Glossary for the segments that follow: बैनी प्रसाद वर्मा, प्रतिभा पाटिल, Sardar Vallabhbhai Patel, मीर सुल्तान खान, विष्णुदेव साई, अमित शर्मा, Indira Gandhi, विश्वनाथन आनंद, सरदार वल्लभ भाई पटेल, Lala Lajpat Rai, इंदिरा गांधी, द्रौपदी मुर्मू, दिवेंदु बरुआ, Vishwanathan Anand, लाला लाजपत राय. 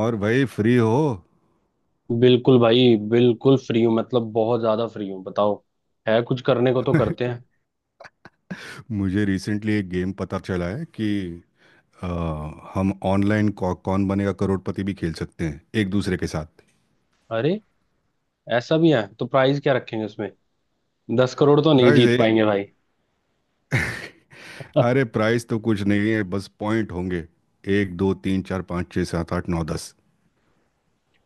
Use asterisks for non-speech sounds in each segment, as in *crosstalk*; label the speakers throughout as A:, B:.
A: और भाई फ्री हो।
B: बिल्कुल भाई बिल्कुल फ्री हूँ। मतलब बहुत ज्यादा फ्री हूँ, बताओ है कुछ करने को तो करते हैं।
A: मुझे रिसेंटली एक गेम पता चला है कि अ, हम ऑनलाइन कौन बनेगा करोड़पति भी खेल सकते हैं एक दूसरे के साथ।
B: अरे, ऐसा भी है तो प्राइस क्या रखेंगे उसमें? 10 करोड़ तो नहीं
A: प्राइज
B: जीत
A: है?
B: पाएंगे भाई। *laughs*
A: अरे प्राइस तो कुछ नहीं है, बस पॉइंट होंगे। एक दो तीन चार पाँच छः सात आठ नौ दस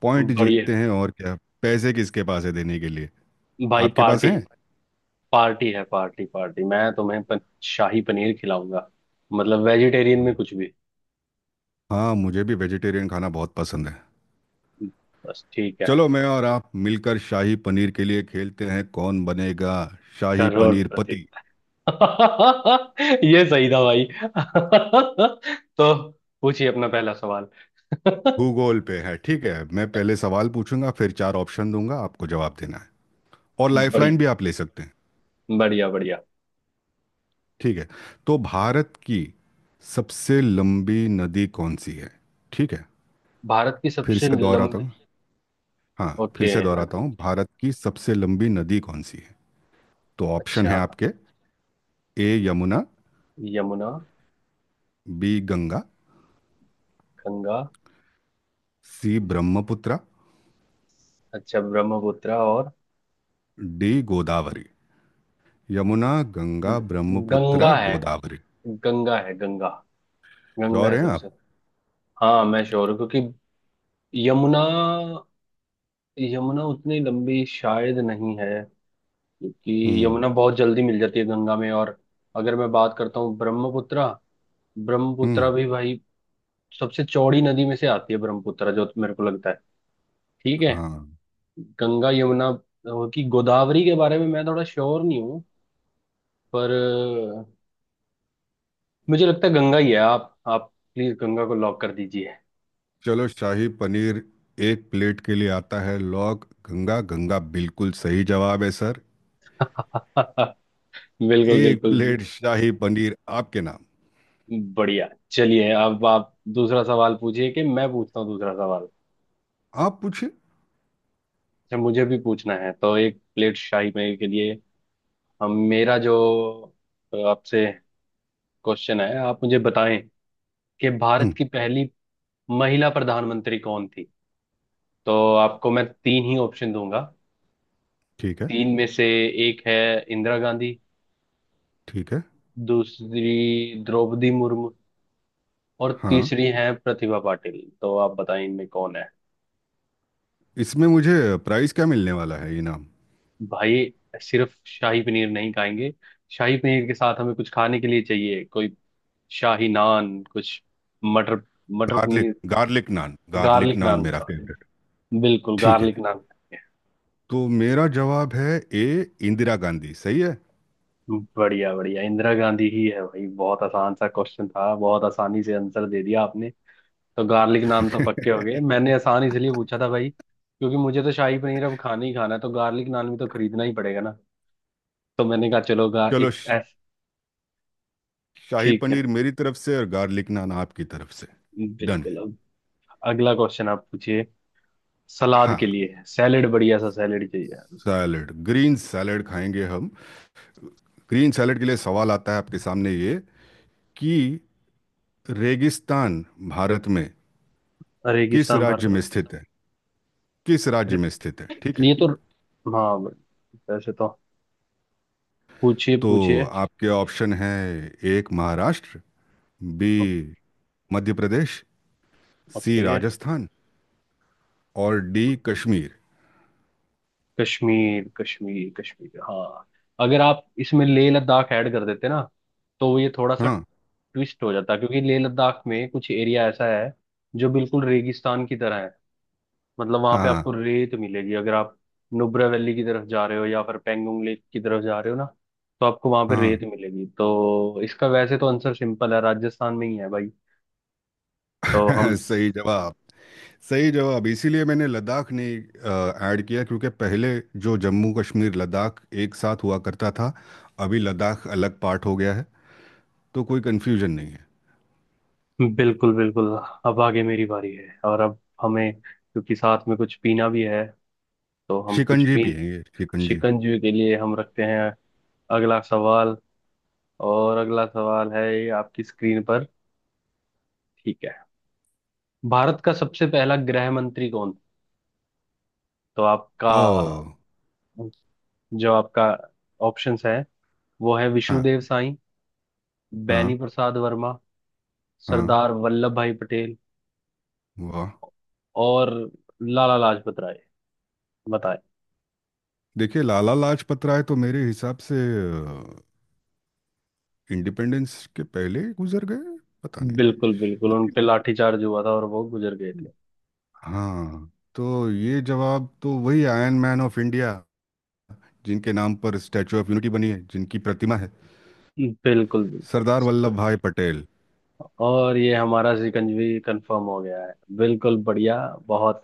A: पॉइंट
B: बढ़िया।
A: जीतते हैं और क्या। पैसे किसके पास है देने के लिए?
B: भाई
A: आपके पास
B: पार्टी।
A: हैं?
B: पार्टी है, पार्टी पार्टी। मैं तुम्हें शाही पनीर खिलाऊंगा, मतलब वेजिटेरियन
A: हम्म।
B: में कुछ भी।
A: हाँ, मुझे भी वेजिटेरियन खाना बहुत पसंद है।
B: बस ठीक है।
A: चलो मैं और आप मिलकर शाही पनीर के लिए खेलते हैं, कौन बनेगा शाही पनीर
B: करोड़पति।
A: पति।
B: *laughs* ये सही था भाई। *laughs* तो पूछिए अपना पहला सवाल। *laughs*
A: भूगोल पे है, ठीक है, मैं पहले सवाल पूछूंगा फिर चार ऑप्शन दूंगा, आपको जवाब देना है। और
B: बढ़िया,
A: लाइफलाइन भी आप ले सकते हैं।
B: बढ़िया, बढ़िया।
A: ठीक है। तो भारत की सबसे लंबी नदी कौन सी है? ठीक है,
B: भारत की
A: फिर
B: सबसे
A: से दोहराता
B: लंबी।
A: हूँ। हाँ, फिर
B: ओके।
A: से दोहराता हूँ, भारत की सबसे लंबी नदी कौन सी है? तो ऑप्शन
B: अच्छा।
A: है आपके। A Yamuna,
B: Yamuna.
A: B Ganga,
B: Ganga.
A: C Brahmaputra,
B: अच्छा ब्रह्मपुत्र। और
A: डी गोदावरी। यमुना, गंगा,
B: ग-
A: ब्रह्मपुत्रा,
B: गंगा है,
A: गोदावरी।
B: गंगा है गंगा, गंगा
A: श्योर
B: है
A: हैं आप?
B: सबसे। हाँ, मैं श्योर हूँ क्योंकि यमुना, यमुना उतनी लंबी शायद नहीं है, क्योंकि
A: हम्म।
B: यमुना बहुत जल्दी मिल जाती है गंगा में। और अगर मैं बात करता हूँ ब्रह्मपुत्र,
A: हम्म।
B: ब्रह्मपुत्र भी भाई सबसे चौड़ी नदी में से आती है ब्रह्मपुत्र, जो मेरे को लगता है। ठीक है।
A: हाँ।
B: गंगा, यमुना की, गोदावरी के बारे में मैं थोड़ा श्योर नहीं हूँ। पर अ, मुझे लगता है गंगा ही है। आप प्लीज गंगा को लॉक कर दीजिए।
A: चलो शाही पनीर एक प्लेट के लिए आता है, लॉग गंगा, गंगा बिल्कुल सही जवाब है सर।
B: *laughs* बिल्कुल,
A: एक
B: बिल्कुल।
A: प्लेट शाही पनीर आपके नाम।
B: बढ़िया, चलिए अब आप दूसरा सवाल पूछिए कि मैं पूछता हूँ दूसरा सवाल।
A: आप पूछिए।
B: अच्छा, मुझे भी पूछना है तो एक प्लेट शाही पनीर के लिए। हम, मेरा जो आपसे क्वेश्चन है, आप मुझे बताएं कि भारत
A: हम्म।
B: की पहली महिला प्रधानमंत्री कौन थी। तो आपको मैं तीन ही ऑप्शन दूंगा।
A: ठीक है।
B: तीन में से एक है इंदिरा गांधी,
A: ठीक है।
B: दूसरी द्रौपदी मुर्मू, और
A: हाँ,
B: तीसरी है प्रतिभा पाटिल। तो आप बताएं इनमें कौन है।
A: इसमें मुझे प्राइस क्या मिलने वाला है, इनाम?
B: भाई सिर्फ शाही पनीर नहीं खाएंगे, शाही पनीर के साथ हमें कुछ खाने के लिए चाहिए कोई, शाही नान कुछ, मटर, मटर
A: garlic
B: paneer,
A: garlic naan, garlic
B: garlic
A: naan
B: naan
A: मेरा
B: सॉरी,
A: फेवरेट।
B: बिल्कुल
A: ठीक है,
B: गार्लिक नान खाएंगे।
A: तो मेरा जवाब है ए, इंदिरा गांधी सही है।
B: बढ़िया, बढ़िया, इंदिरा गांधी ही है भाई। बहुत आसान सा क्वेश्चन था, बहुत आसानी से आंसर दे दिया आपने। तो गार्लिक नान तो पक्के
A: *laughs*
B: हो गए, मैंने आसान इसलिए पूछा था भाई, क्योंकि मुझे तो शाही पनीर अब खाना ही खाना है, तो गार्लिक नान भी तो खरीदना ही पड़ेगा ना। तो मैंने कहा चलो गा
A: चलो
B: एक ऐस
A: शाही
B: ठीक है,
A: पनीर मेरी तरफ से और गार्लिक नान आपकी तरफ से। डन है।
B: बिल्कुल। अब अगला क्वेश्चन आप पूछिए। सलाद
A: हाँ।
B: के लिए है, सैलेड, बढ़िया सा सैलेड चाहिए।
A: सैलड, ग्रीन सैलड खाएंगे हम। ग्रीन सैलेड के लिए सवाल आता है आपके सामने ये कि रेगिस्तान भारत में किस
B: रेगिस्तान भारत
A: राज्य
B: में।
A: में स्थित है। किस राज्य
B: अरे,
A: में स्थित है, ठीक है।
B: ये तो, हाँ, वैसे तो पूछिए,
A: तो
B: पूछिए।
A: आपके ऑप्शन है, एक महाराष्ट्र, बी
B: ओ-
A: मध्य प्रदेश, सी
B: ओके।
A: राजस्थान, और डी कश्मीर।
B: कश्मीर, कश्मीर, कश्मीर, हाँ। अगर आप इसमें लेह लद्दाख ऐड कर देते ना, तो ये थोड़ा सा
A: हाँ।
B: ट्विस्ट हो जाता है, क्योंकि लेह लद्दाख में कुछ एरिया ऐसा है जो बिल्कुल रेगिस्तान की तरह है। मतलब वहां पे
A: हाँ।
B: आपको रेत मिलेगी, अगर आप नुब्रा वैली की तरफ जा रहे हो या फिर पेंगोंग लेक की तरफ जा रहे हो ना, तो आपको वहां पे रेत मिलेगी। तो इसका वैसे तो आंसर सिंपल है, राजस्थान में ही है भाई। तो
A: हाँ।
B: हम,
A: *laughs* सही जवाब। सही जवाब, इसीलिए मैंने लद्दाख नहीं ऐड किया क्योंकि पहले जो जम्मू कश्मीर लद्दाख एक साथ हुआ करता था, अभी लद्दाख अलग पार्ट हो गया है, तो कोई कंफ्यूजन नहीं है।
B: बिल्कुल बिल्कुल। अब आगे मेरी बारी है और अब हमें क्योंकि साथ में कुछ पीना भी है, तो हम कुछ
A: शिकंजी
B: पी,
A: पिएंगे, शिकंजी।
B: शिकंजी के लिए हम रखते हैं अगला सवाल। और अगला सवाल है ये आपकी स्क्रीन पर, ठीक है, भारत का सबसे पहला गृह मंत्री कौन था? तो आपका,
A: ओ।
B: जो आपका ऑप्शंस है, वो है
A: हाँ।
B: विष्णुदेव साई, बैनी
A: हाँ।
B: प्रसाद वर्मा,
A: हाँ।
B: सरदार वल्लभ भाई पटेल,
A: वाह।
B: और लाला लाजपत राय। बताए।
A: देखिए लाला लाजपत राय तो मेरे हिसाब से इंडिपेंडेंस के पहले ही गुजर गए, पता नहीं।
B: बिल्कुल बिल्कुल, उन
A: लेकिन
B: पे लाठीचार्ज हुआ था और वो गुजर गए थे।
A: हाँ, तो ये जवाब तो वही आयरन मैन ऑफ इंडिया, जिनके नाम पर स्टैचू ऑफ यूनिटी बनी है, जिनकी प्रतिमा है,
B: बिल्कुल बिल्कुल।
A: सरदार वल्लभ भाई पटेल।
B: और ये हमारा सिकंजवी कंफर्म हो गया है, बिल्कुल बढ़िया। बहुत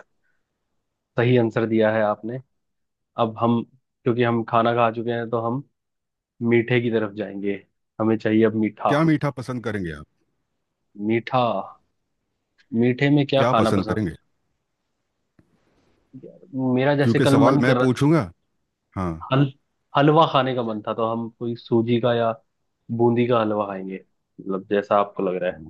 B: सही आंसर दिया है आपने। अब हम, क्योंकि हम खाना खा चुके हैं तो हम मीठे की तरफ जाएंगे। हमें चाहिए अब मीठा।
A: क्या मीठा पसंद करेंगे आप?
B: मीठा, मीठे में क्या
A: क्या
B: खाना
A: पसंद
B: पसंद?
A: करेंगे,
B: यार, मेरा जैसे
A: क्योंकि
B: कल
A: सवाल
B: मन
A: मैं
B: कर रहा,
A: पूछूंगा। हाँ,
B: हल हलवा खाने का मन था, तो हम कोई सूजी का या बूंदी का हलवा खाएंगे, मतलब जैसा आपको लग रहा है।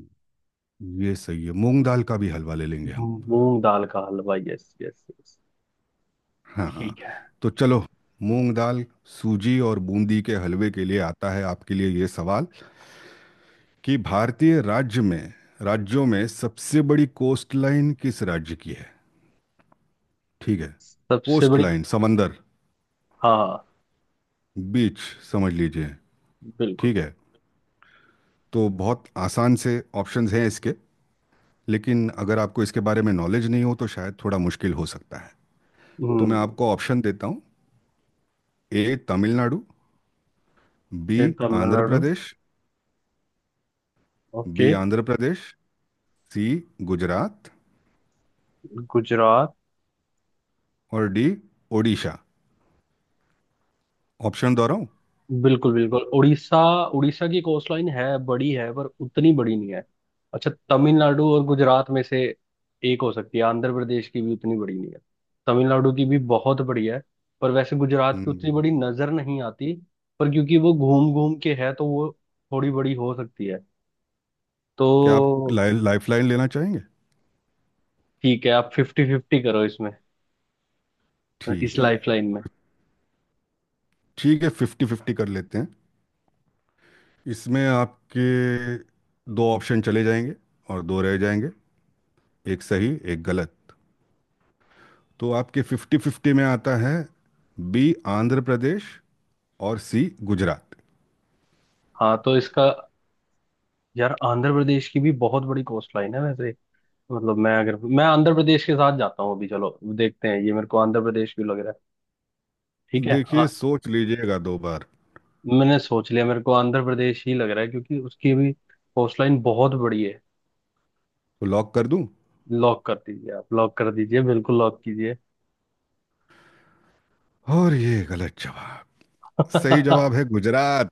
A: ये सही है, मूंग दाल का भी हलवा ले लेंगे हम।
B: मूंग दाल का हलवा, यस यस यस।
A: हाँ। हाँ।
B: ठीक है।
A: तो चलो मूंग दाल, सूजी और बूंदी के हलवे के लिए आता है आपके लिए ये सवाल कि भारतीय राज्य में, राज्यों में सबसे बड़ी कोस्ट लाइन किस राज्य की है? ठीक है।
B: सबसे
A: कोस्ट
B: बड़ी।
A: लाइन, समंदर,
B: हाँ, हाँ,
A: बीच, समझ लीजिए।
B: बिल्कुल।
A: ठीक है। तो बहुत आसान से ऑप्शंस हैं इसके, लेकिन अगर आपको इसके बारे में नॉलेज नहीं हो तो शायद थोड़ा मुश्किल हो सकता है। तो मैं
B: हम्म।
A: आपको ऑप्शन देता हूँ, ए तमिलनाडु, बी
B: फिर
A: Andhra
B: Tamil Nadu.
A: Pradesh, B
B: okay.
A: Andhra Pradesh, C Gujarat,
B: Gujarat.
A: और डी ओडिशा। ऑप्शन दोहराऊं?
B: बिल्कुल बिल्कुल, उड़ीसा, उड़ीसा की कोस्ट लाइन है बड़ी, है पर उतनी बड़ी नहीं है। अच्छा, तमिलनाडु और गुजरात में से एक हो सकती है। आंध्र प्रदेश की भी उतनी बड़ी नहीं है, तमिलनाडु की भी बहुत बड़ी है। पर वैसे गुजरात की उतनी
A: हम्म।
B: बड़ी नजर नहीं आती। पर क्योंकि वो घूम घूम के है, तो वो थोड़ी बड़ी हो सकती है।
A: क्या आप
B: तो
A: लाइफ लाइन लेना चाहेंगे?
B: ठीक है, आप 50-50 करो इसमें,
A: ठीक
B: इस
A: है।
B: लाइफ लाइन में।
A: ठीक है, फिफ्टी फिफ्टी कर लेते हैं। इसमें आपके दो ऑप्शन चले जाएंगे और दो रह जाएंगे, एक सही एक गलत। तो आपके फिफ्टी फिफ्टी में आता है बी आंध्र प्रदेश और सी गुजरात।
B: हाँ तो इसका, यार आंध्र प्रदेश की भी बहुत बड़ी कोस्ट लाइन है वैसे, मतलब मैं, अगर मैं आंध्र प्रदेश के साथ जाता हूँ अभी। चलो देखते हैं, ये मेरे को आंध्र प्रदेश क्यों लग रहा है। ठीक है
A: देखिए सोच लीजिएगा दो बार, तो
B: मैंने सोच लिया, मेरे को आंध्र प्रदेश ही लग रहा है, क्योंकि उसकी भी कोस्ट लाइन बहुत बड़ी है।
A: लॉक कर दूं?
B: लॉक कर दीजिए, आप लॉक कर दीजिए, बिल्कुल लॉक कीजिए।
A: और ये गलत जवाब। सही जवाब है
B: *laughs*
A: गुजरात।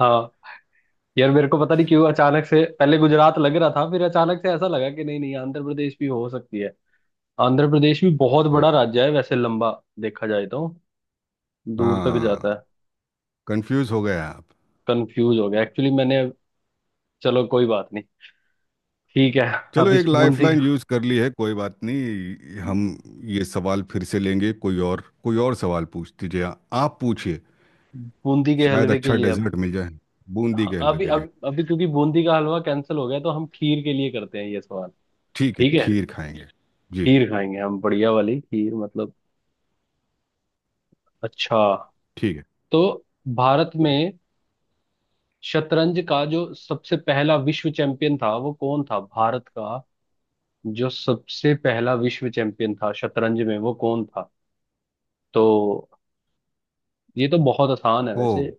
B: हाँ, यार मेरे को पता नहीं क्यों, अचानक से पहले गुजरात लग रहा था, फिर अचानक से ऐसा लगा कि नहीं नहीं आंध्र प्रदेश भी हो सकती है। आंध्र प्रदेश भी बहुत
A: अच्छा।
B: बड़ा राज्य है वैसे, लंबा देखा जाए तो दूर तक जाता
A: हाँ।
B: है।
A: कंफ्यूज हो गए आप?
B: कंफ्यूज हो गया एक्चुअली मैंने। चलो कोई बात नहीं, ठीक है।
A: चलो
B: अब इस
A: एक
B: बूंदी,
A: लाइफलाइन यूज कर ली है, कोई बात नहीं, हम ये सवाल फिर से लेंगे, कोई और सवाल पूछ दीजिए। आप पूछिए।
B: बूंदी के
A: शायद
B: हलवे के
A: अच्छा
B: लिए अब,
A: डेजर्ट मिल जाए। बूंदी
B: हाँ,
A: के हलवे
B: अभी,
A: के लिए।
B: अब अभी क्योंकि बूंदी का हलवा कैंसिल हो गया, तो हम खीर के लिए करते हैं ये सवाल।
A: ठीक है,
B: ठीक है,
A: खीर खाएंगे। जी।
B: खीर खाएंगे हम बढ़िया वाली खीर, मतलब। अच्छा,
A: ठीक है।
B: तो भारत में शतरंज का जो सबसे पहला विश्व चैंपियन था, वो कौन था भारत का? जो सबसे पहला विश्व चैंपियन था शतरंज में, वो कौन था? तो ये तो बहुत आसान है
A: ओ।
B: वैसे,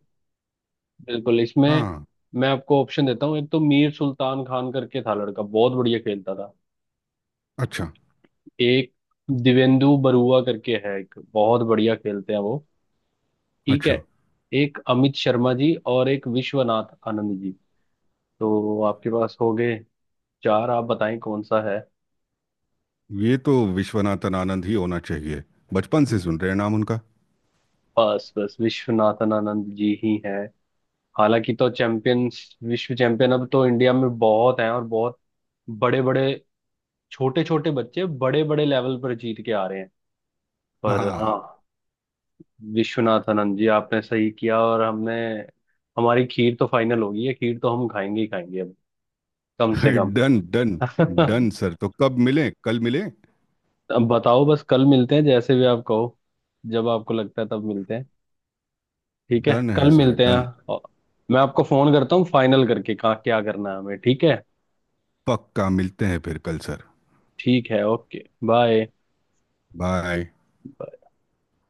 B: बिल्कुल इसमें
A: हाँ।
B: मैं आपको ऑप्शन देता हूँ। एक तो मीर सुल्तान खान करके था, लड़का बहुत बढ़िया खेलता था।
A: अच्छा।
B: एक दिवेंदु बरुआ करके है एक, बहुत बढ़िया खेलते हैं वो, ठीक है।
A: अच्छा।
B: एक अमित शर्मा जी, और एक विश्वनाथ आनंद जी। तो आपके पास हो गए चार, आप बताएं कौन सा है।
A: ये तो विश्वनाथन आनंद ही होना चाहिए, बचपन से सुन रहे हैं नाम उनका।
B: बस बस, विश्वनाथन आनंद जी ही हैं। हालांकि तो चैंपियंस, विश्व चैंपियन अब तो इंडिया में बहुत हैं, और बहुत बड़े बड़े, छोटे छोटे बच्चे बड़े बड़े लेवल पर जीत के आ रहे हैं। पर हाँ,
A: हाँ।
B: विश्वनाथन जी, आपने सही किया और हमने, हमारी खीर तो फाइनल होगी, है खीर तो हम खाएंगे ही खाएंगे अब, कम से कम।
A: *laughs* Done done.
B: *laughs*
A: डन सर, तो कब मिलें, कल मिलें?
B: अब बताओ, बस कल मिलते हैं, जैसे भी आप कहो, जब आपको लगता है तब मिलते हैं। ठीक है,
A: डन है
B: कल
A: सर,
B: मिलते हैं।
A: डन।
B: और मैं आपको फोन करता हूँ फाइनल करके, कहाँ क्या करना है हमें, ठीक है।
A: पक्का मिलते हैं फिर कल सर।
B: ठीक है, ओके, बाय।
A: बाय।